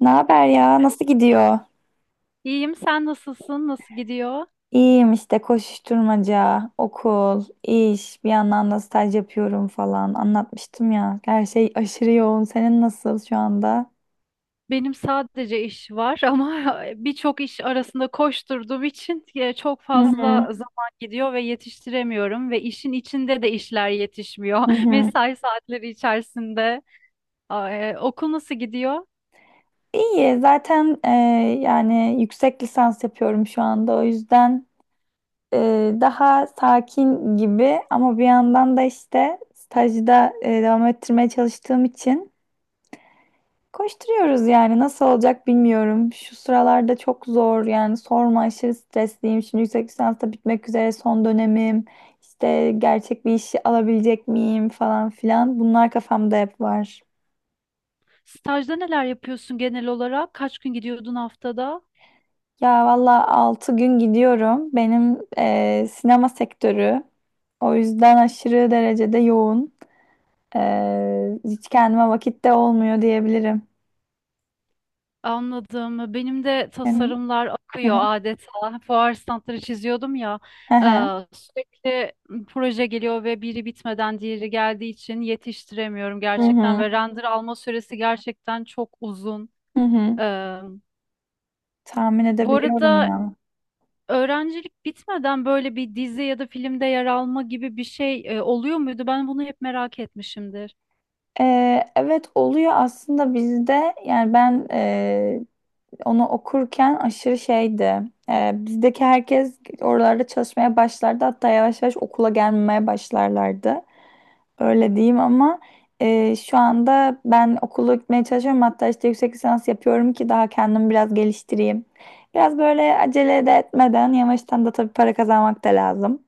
Ne haber ya? Nasıl gidiyor? İyiyim, sen nasılsın? Nasıl gidiyor? İyiyim işte koşuşturmaca, okul, iş, bir yandan da staj yapıyorum falan. Anlatmıştım ya. Her şey aşırı yoğun. Senin nasıl şu anda? Benim sadece iş var ama birçok iş arasında koşturduğum için çok Hı fazla hı. zaman gidiyor ve yetiştiremiyorum ve işin içinde de işler yetişmiyor. Hı hı. Mesai saatleri içerisinde. Okul nasıl gidiyor? İyi. Yani yüksek lisans yapıyorum şu anda. O yüzden daha sakin gibi ama bir yandan da işte stajda devam ettirmeye çalıştığım için koşturuyoruz yani nasıl olacak bilmiyorum. Şu sıralarda çok zor yani sorma, aşırı stresliyim. Şimdi yüksek lisans da bitmek üzere, son dönemim. İşte gerçek bir işi alabilecek miyim falan filan. Bunlar kafamda hep var. Stajda neler yapıyorsun genel olarak? Kaç gün gidiyordun haftada? Ya valla 6 gün gidiyorum. Benim sinema sektörü. O yüzden aşırı derecede yoğun. Hiç kendime vakit de olmuyor diyebilirim. Anladım. Benim de Benim. tasarımlar Hı akıyor hı. adeta. Fuar standları çiziyordum ya. Hı hı. Sürekli proje geliyor ve biri bitmeden diğeri geldiği için yetiştiremiyorum Hı gerçekten hı. ve render alma süresi gerçekten çok uzun. Hı hı. Eee, Tahmin Bu edebiliyorum arada ya. öğrencilik bitmeden böyle bir dizi ya da filmde yer alma gibi bir şey oluyor muydu? Ben bunu hep merak etmişimdir. Evet oluyor aslında bizde, yani ben onu okurken aşırı şeydi. Bizdeki herkes oralarda çalışmaya başlardı, hatta yavaş yavaş okula gelmemeye başlarlardı. Öyle diyeyim ama şu anda ben okulu gitmeye çalışıyorum, hatta işte yüksek lisans yapıyorum ki daha kendimi biraz geliştireyim. Biraz böyle acele de etmeden yavaştan, da tabii para kazanmak da lazım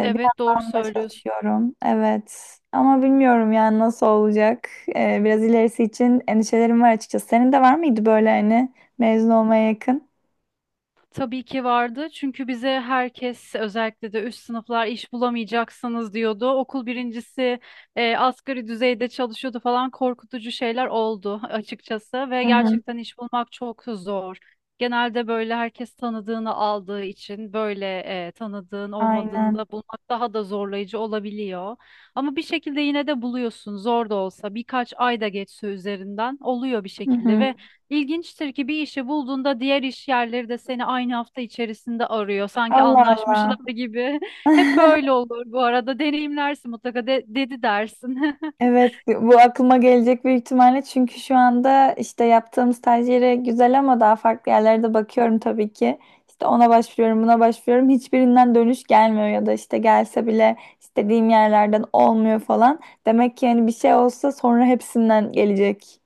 Evet, doğru da söylüyorsun. çalışıyorum. Evet. Ama bilmiyorum yani nasıl olacak. Biraz ilerisi için endişelerim var açıkçası. Senin de var mıydı böyle hani mezun olmaya yakın? Tabii ki vardı. Çünkü bize herkes özellikle de üst sınıflar iş bulamayacaksınız diyordu. Okul birincisi asgari düzeyde çalışıyordu falan, korkutucu şeyler oldu açıkçası ve Hı hı. gerçekten iş bulmak çok zor. Genelde böyle herkes tanıdığını aldığı için böyle tanıdığın olmadığında Aynen. bulmak daha da zorlayıcı olabiliyor. Ama bir şekilde yine de buluyorsun, zor da olsa birkaç ay da geçse üzerinden, oluyor bir Hı şekilde. hı. Ve İlginçtir ki bir işi bulduğunda diğer iş yerleri de seni aynı hafta içerisinde arıyor. Sanki Allah Allah. anlaşmışlar gibi. Hep böyle olur bu arada. Deneyimlersin mutlaka, dedi dersin. Evet, bu aklıma gelecek büyük ihtimalle, çünkü şu anda işte yaptığım staj yeri güzel ama daha farklı yerlere de bakıyorum tabii ki. İşte ona başvuruyorum, buna başvuruyorum. Hiçbirinden dönüş gelmiyor ya da işte gelse bile istediğim yerlerden olmuyor falan. Demek ki hani bir şey olsa sonra hepsinden gelecek.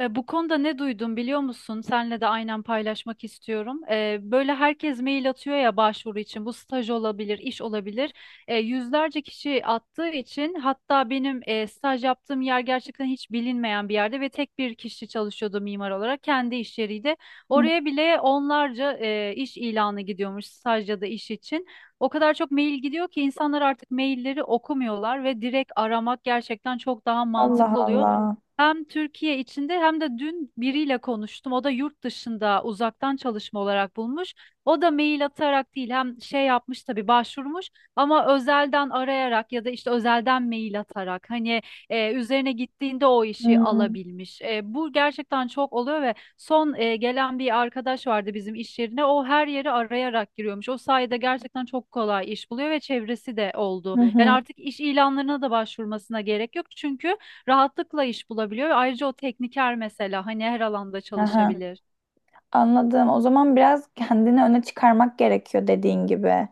Bu konuda ne duydum biliyor musun? Senle de aynen paylaşmak istiyorum. Böyle herkes mail atıyor ya, başvuru için. Bu staj olabilir, iş olabilir. Yüzlerce kişi attığı için, hatta benim staj yaptığım yer gerçekten hiç bilinmeyen bir yerde ve tek bir kişi çalışıyordu mimar olarak. Kendi iş yeriydi. Hı. Oraya bile onlarca iş ilanı gidiyormuş staj ya da iş için. O kadar çok mail gidiyor ki insanlar artık mailleri okumuyorlar ve direkt aramak gerçekten çok daha Allah mantıklı oluyor. Allah. Hem Türkiye içinde hem de dün biriyle konuştum. O da yurt dışında uzaktan çalışma olarak bulmuş. O da mail atarak değil, hem şey yapmış tabii, başvurmuş ama özelden arayarak ya da işte özelden mail atarak, hani üzerine gittiğinde o işi Hmm. alabilmiş. Bu gerçekten çok oluyor ve son gelen bir arkadaş vardı bizim iş yerine. O her yeri arayarak giriyormuş. O sayede gerçekten çok kolay iş buluyor ve çevresi de oldu. Hı Yani hı. artık iş ilanlarına da başvurmasına gerek yok çünkü rahatlıkla iş bulabiliyor ve ayrıca o tekniker mesela, hani her alanda Aha. çalışabilir. Anladım. O zaman biraz kendini öne çıkarmak gerekiyor dediğin gibi.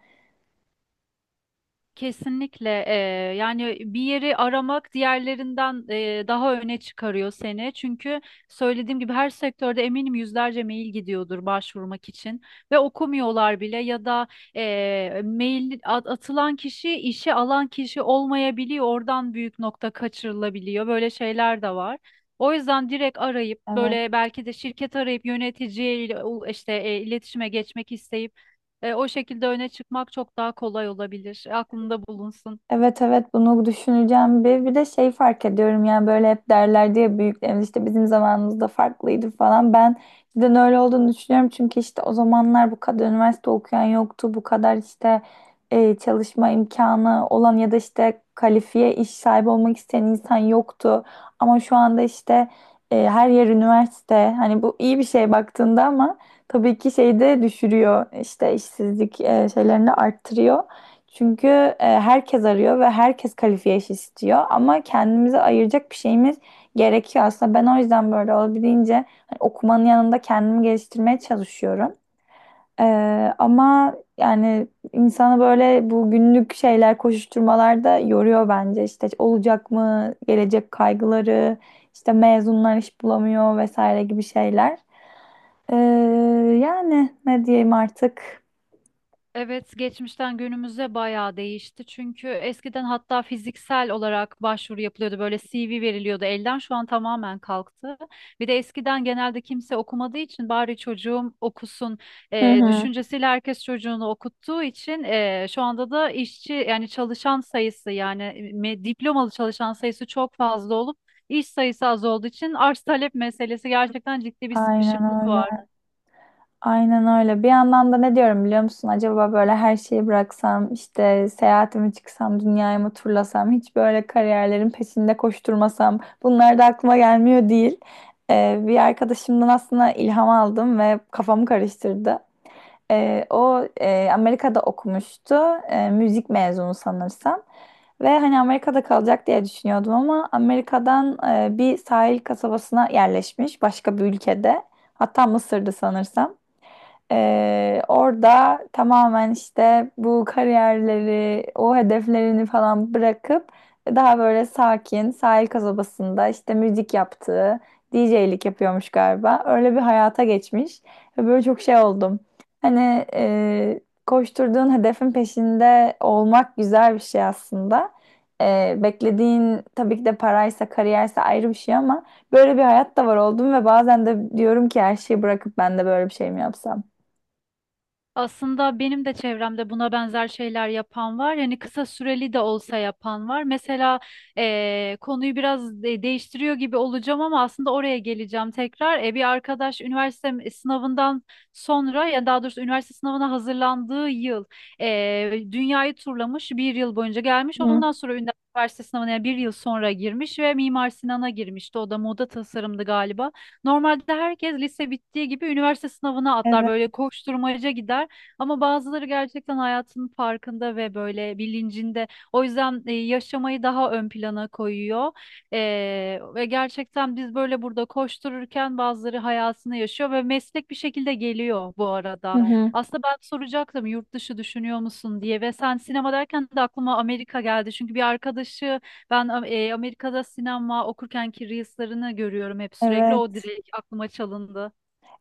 Kesinlikle. Yani bir yeri aramak diğerlerinden daha öne çıkarıyor seni. Çünkü söylediğim gibi her sektörde eminim yüzlerce mail gidiyordur başvurmak için ve okumuyorlar bile ya da atılan kişi işe alan kişi olmayabiliyor. Oradan büyük nokta kaçırılabiliyor. Böyle şeyler de var. O yüzden direkt arayıp, Evet. böyle belki de şirket arayıp yöneticiyle iletişime geçmek isteyip o şekilde öne çıkmak çok daha kolay olabilir. Aklında bulunsun. Evet evet, bunu düşüneceğim. Bir de şey fark ediyorum, yani böyle hep derlerdi ya büyüklerimiz, işte bizim zamanımızda farklıydı falan. Ben cidden öyle olduğunu düşünüyorum, çünkü işte o zamanlar bu kadar üniversite okuyan yoktu, bu kadar işte çalışma imkanı olan ya da işte kalifiye iş sahibi olmak isteyen insan yoktu. Ama şu anda işte her yer üniversite. Hani bu iyi bir şey baktığında, ama tabii ki şeyi de düşürüyor, işte işsizlik şeylerini de arttırıyor. Çünkü herkes arıyor ve herkes kalifiye iş istiyor, ama kendimize ayıracak bir şeyimiz gerekiyor aslında. Ben o yüzden böyle olabildiğince hani okumanın yanında kendimi geliştirmeye çalışıyorum. E, ama yani insanı böyle bu günlük şeyler, koşuşturmalar da yoruyor bence. İşte olacak mı, gelecek kaygıları, işte mezunlar iş bulamıyor vesaire gibi şeyler. E, yani ne diyeyim artık. Evet, geçmişten günümüze bayağı değişti. Çünkü eskiden hatta fiziksel olarak başvuru yapılıyordu. Böyle CV veriliyordu elden. Şu an tamamen kalktı. Bir de eskiden genelde kimse okumadığı için bari çocuğum okusun Hı hı. düşüncesiyle herkes çocuğunu okuttuğu için şu anda da işçi, yani çalışan sayısı, yani diplomalı çalışan sayısı çok fazla olup iş sayısı az olduğu için, arz talep meselesi, gerçekten ciddi bir Aynen sıkışıklık var. öyle. Aynen öyle. Bir yandan da ne diyorum biliyor musun? Acaba böyle her şeyi bıraksam, işte seyahatimi çıksam, dünyayı mı turlasam, hiç böyle kariyerlerin peşinde koşturmasam, bunlar da aklıma gelmiyor değil. Bir arkadaşımdan aslında ilham aldım ve kafamı karıştırdı. Amerika'da okumuştu, müzik mezunu sanırsam. Ve hani Amerika'da kalacak diye düşünüyordum, ama Amerika'dan bir sahil kasabasına yerleşmiş başka bir ülkede. Hatta Mısır'dı sanırsam. Orada tamamen işte bu kariyerleri, o hedeflerini falan bırakıp daha böyle sakin sahil kasabasında işte müzik yaptığı, DJ'lik yapıyormuş galiba. Öyle bir hayata geçmiş ve böyle çok şey oldum. Hani koşturduğun hedefin peşinde olmak güzel bir şey aslında. Beklediğin tabii ki de paraysa, kariyerse ayrı bir şey, ama böyle bir hayat da var oldum ve bazen de diyorum ki her şeyi bırakıp ben de böyle bir şey mi yapsam? Aslında benim de çevremde buna benzer şeyler yapan var. Yani kısa süreli de olsa yapan var. Mesela konuyu biraz değiştiriyor gibi olacağım ama aslında oraya geleceğim tekrar. Bir arkadaş üniversite sınavından sonra, ya daha doğrusu üniversite sınavına hazırlandığı yıl dünyayı turlamış. Bir yıl boyunca gelmiş. Hı. Ondan sonra üniversite sınavına, yani bir yıl sonra girmiş ve Mimar Sinan'a girmişti. O da moda tasarımdı galiba. Normalde herkes lise bittiği gibi üniversite sınavına atlar, Evet. böyle koşturmaca gider. Ama bazıları gerçekten hayatının farkında ve böyle bilincinde. O yüzden yaşamayı daha ön plana koyuyor. E, Ve gerçekten biz böyle burada koştururken bazıları hayatını yaşıyor ve meslek bir şekilde geliyor bu Hı arada. hı. Aslında ben soracaktım yurt dışı düşünüyor musun diye, ve sen sinema derken de aklıma Amerika geldi. Çünkü bir arkadaşı ben Amerika'da sinema okurkenki reels'larını görüyorum hep sürekli. O Evet. direkt aklıma çalındı.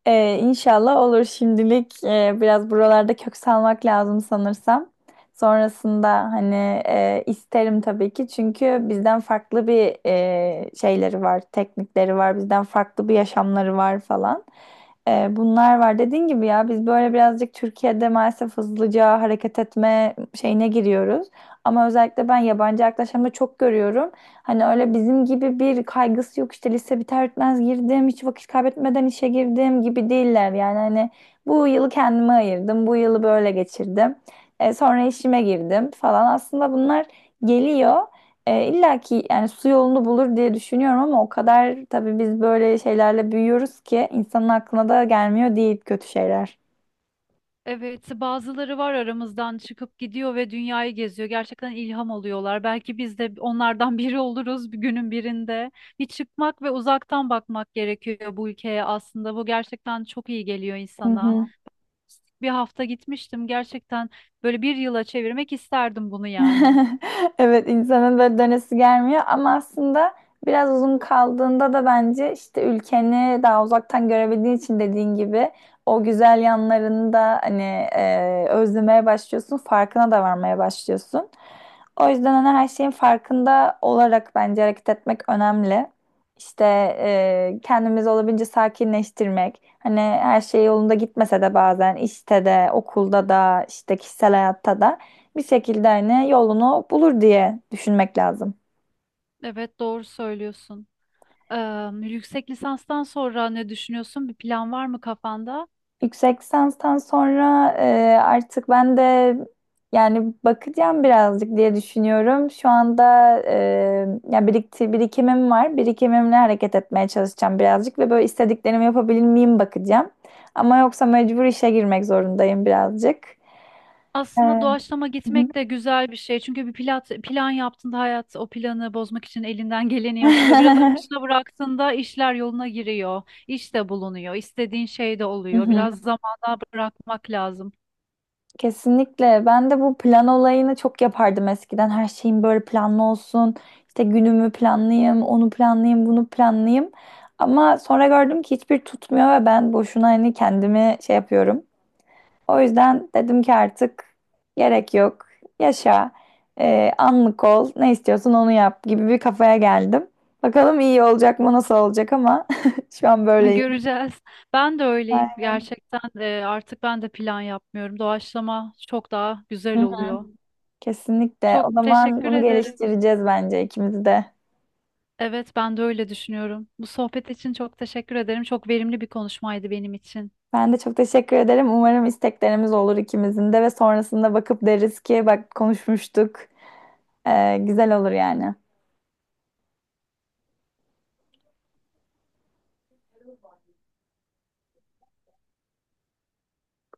İnşallah olur. Şimdilik biraz buralarda kök salmak lazım sanırsam. Sonrasında hani isterim tabii ki, çünkü bizden farklı bir şeyleri var, teknikleri var, bizden farklı bir yaşamları var falan. Bunlar var. Dediğin gibi ya, biz böyle birazcık Türkiye'de maalesef hızlıca hareket etme şeyine giriyoruz. Ama özellikle ben yabancı yaklaşımda çok görüyorum. Hani öyle bizim gibi bir kaygısı yok, işte lise biter bitmez girdim, hiç vakit kaybetmeden işe girdim gibi değiller. Yani hani bu yılı kendime ayırdım, bu yılı böyle geçirdim. Sonra işime girdim falan. Aslında bunlar geliyor. İlla ki yani su yolunu bulur diye düşünüyorum, ama o kadar tabii biz böyle şeylerle büyüyoruz ki insanın aklına da gelmiyor değil kötü şeyler. Evet, bazıları var aramızdan çıkıp gidiyor ve dünyayı geziyor. Gerçekten ilham oluyorlar. Belki biz de onlardan biri oluruz bir günün birinde. Bir çıkmak ve uzaktan bakmak gerekiyor bu ülkeye aslında. Bu gerçekten çok iyi geliyor Hı insana. hı. Bir hafta gitmiştim. Gerçekten böyle bir yıla çevirmek isterdim bunu yani. Evet, insanın böyle dönesi gelmiyor ama aslında biraz uzun kaldığında da bence işte ülkeni daha uzaktan görebildiğin için, dediğin gibi o güzel yanlarını da hani özlemeye başlıyorsun, farkına da varmaya başlıyorsun. O yüzden hani her şeyin farkında olarak bence hareket etmek önemli. İşte kendimizi olabildiğince sakinleştirmek. Hani her şey yolunda gitmese de bazen işte de, okulda da, işte kişisel hayatta da bir şekilde hani yolunu bulur diye düşünmek lazım. Evet, doğru söylüyorsun. Yüksek lisanstan sonra ne düşünüyorsun? Bir plan var mı kafanda? Yüksek lisanstan sonra artık ben de yani bakacağım birazcık diye düşünüyorum. Şu anda e, ya birikti, birikimim var. Birikimimle hareket etmeye çalışacağım birazcık ve böyle istediklerimi yapabilir miyim bakacağım. Ama yoksa mecbur işe girmek zorundayım birazcık. E, Aslında doğaçlama hı gitmek de güzel bir şey. Çünkü bir plan yaptığında hayat o planı bozmak için elinden geleni yapıyor. Biraz akışına bıraktığında işler yoluna giriyor. İş de bulunuyor. İstediğin şey de oluyor. hı. Biraz zamana bırakmak lazım. Kesinlikle. Ben de bu plan olayını çok yapardım eskiden. Her şeyim böyle planlı olsun. İşte günümü planlayayım, onu planlayayım, bunu planlayayım. Ama sonra gördüm ki hiçbir tutmuyor ve ben boşuna hani kendimi şey yapıyorum. O yüzden dedim ki artık gerek yok. Yaşa. Anlık ol. Ne istiyorsun onu yap gibi bir kafaya geldim. Bakalım iyi olacak mı, nasıl olacak, ama şu an böyleyim. Göreceğiz. Ben de Ay, öyleyim. Gerçekten artık ben de plan yapmıyorum. Doğaçlama çok daha güzel oluyor. kesinlikle. Çok O zaman teşekkür bunu ederim. geliştireceğiz bence ikimiz de. Evet, ben de öyle düşünüyorum. Bu sohbet için çok teşekkür ederim. Çok verimli bir konuşmaydı benim için. Ben de çok teşekkür ederim. Umarım isteklerimiz olur ikimizin de ve sonrasında bakıp deriz ki bak, konuşmuştuk. Güzel olur yani.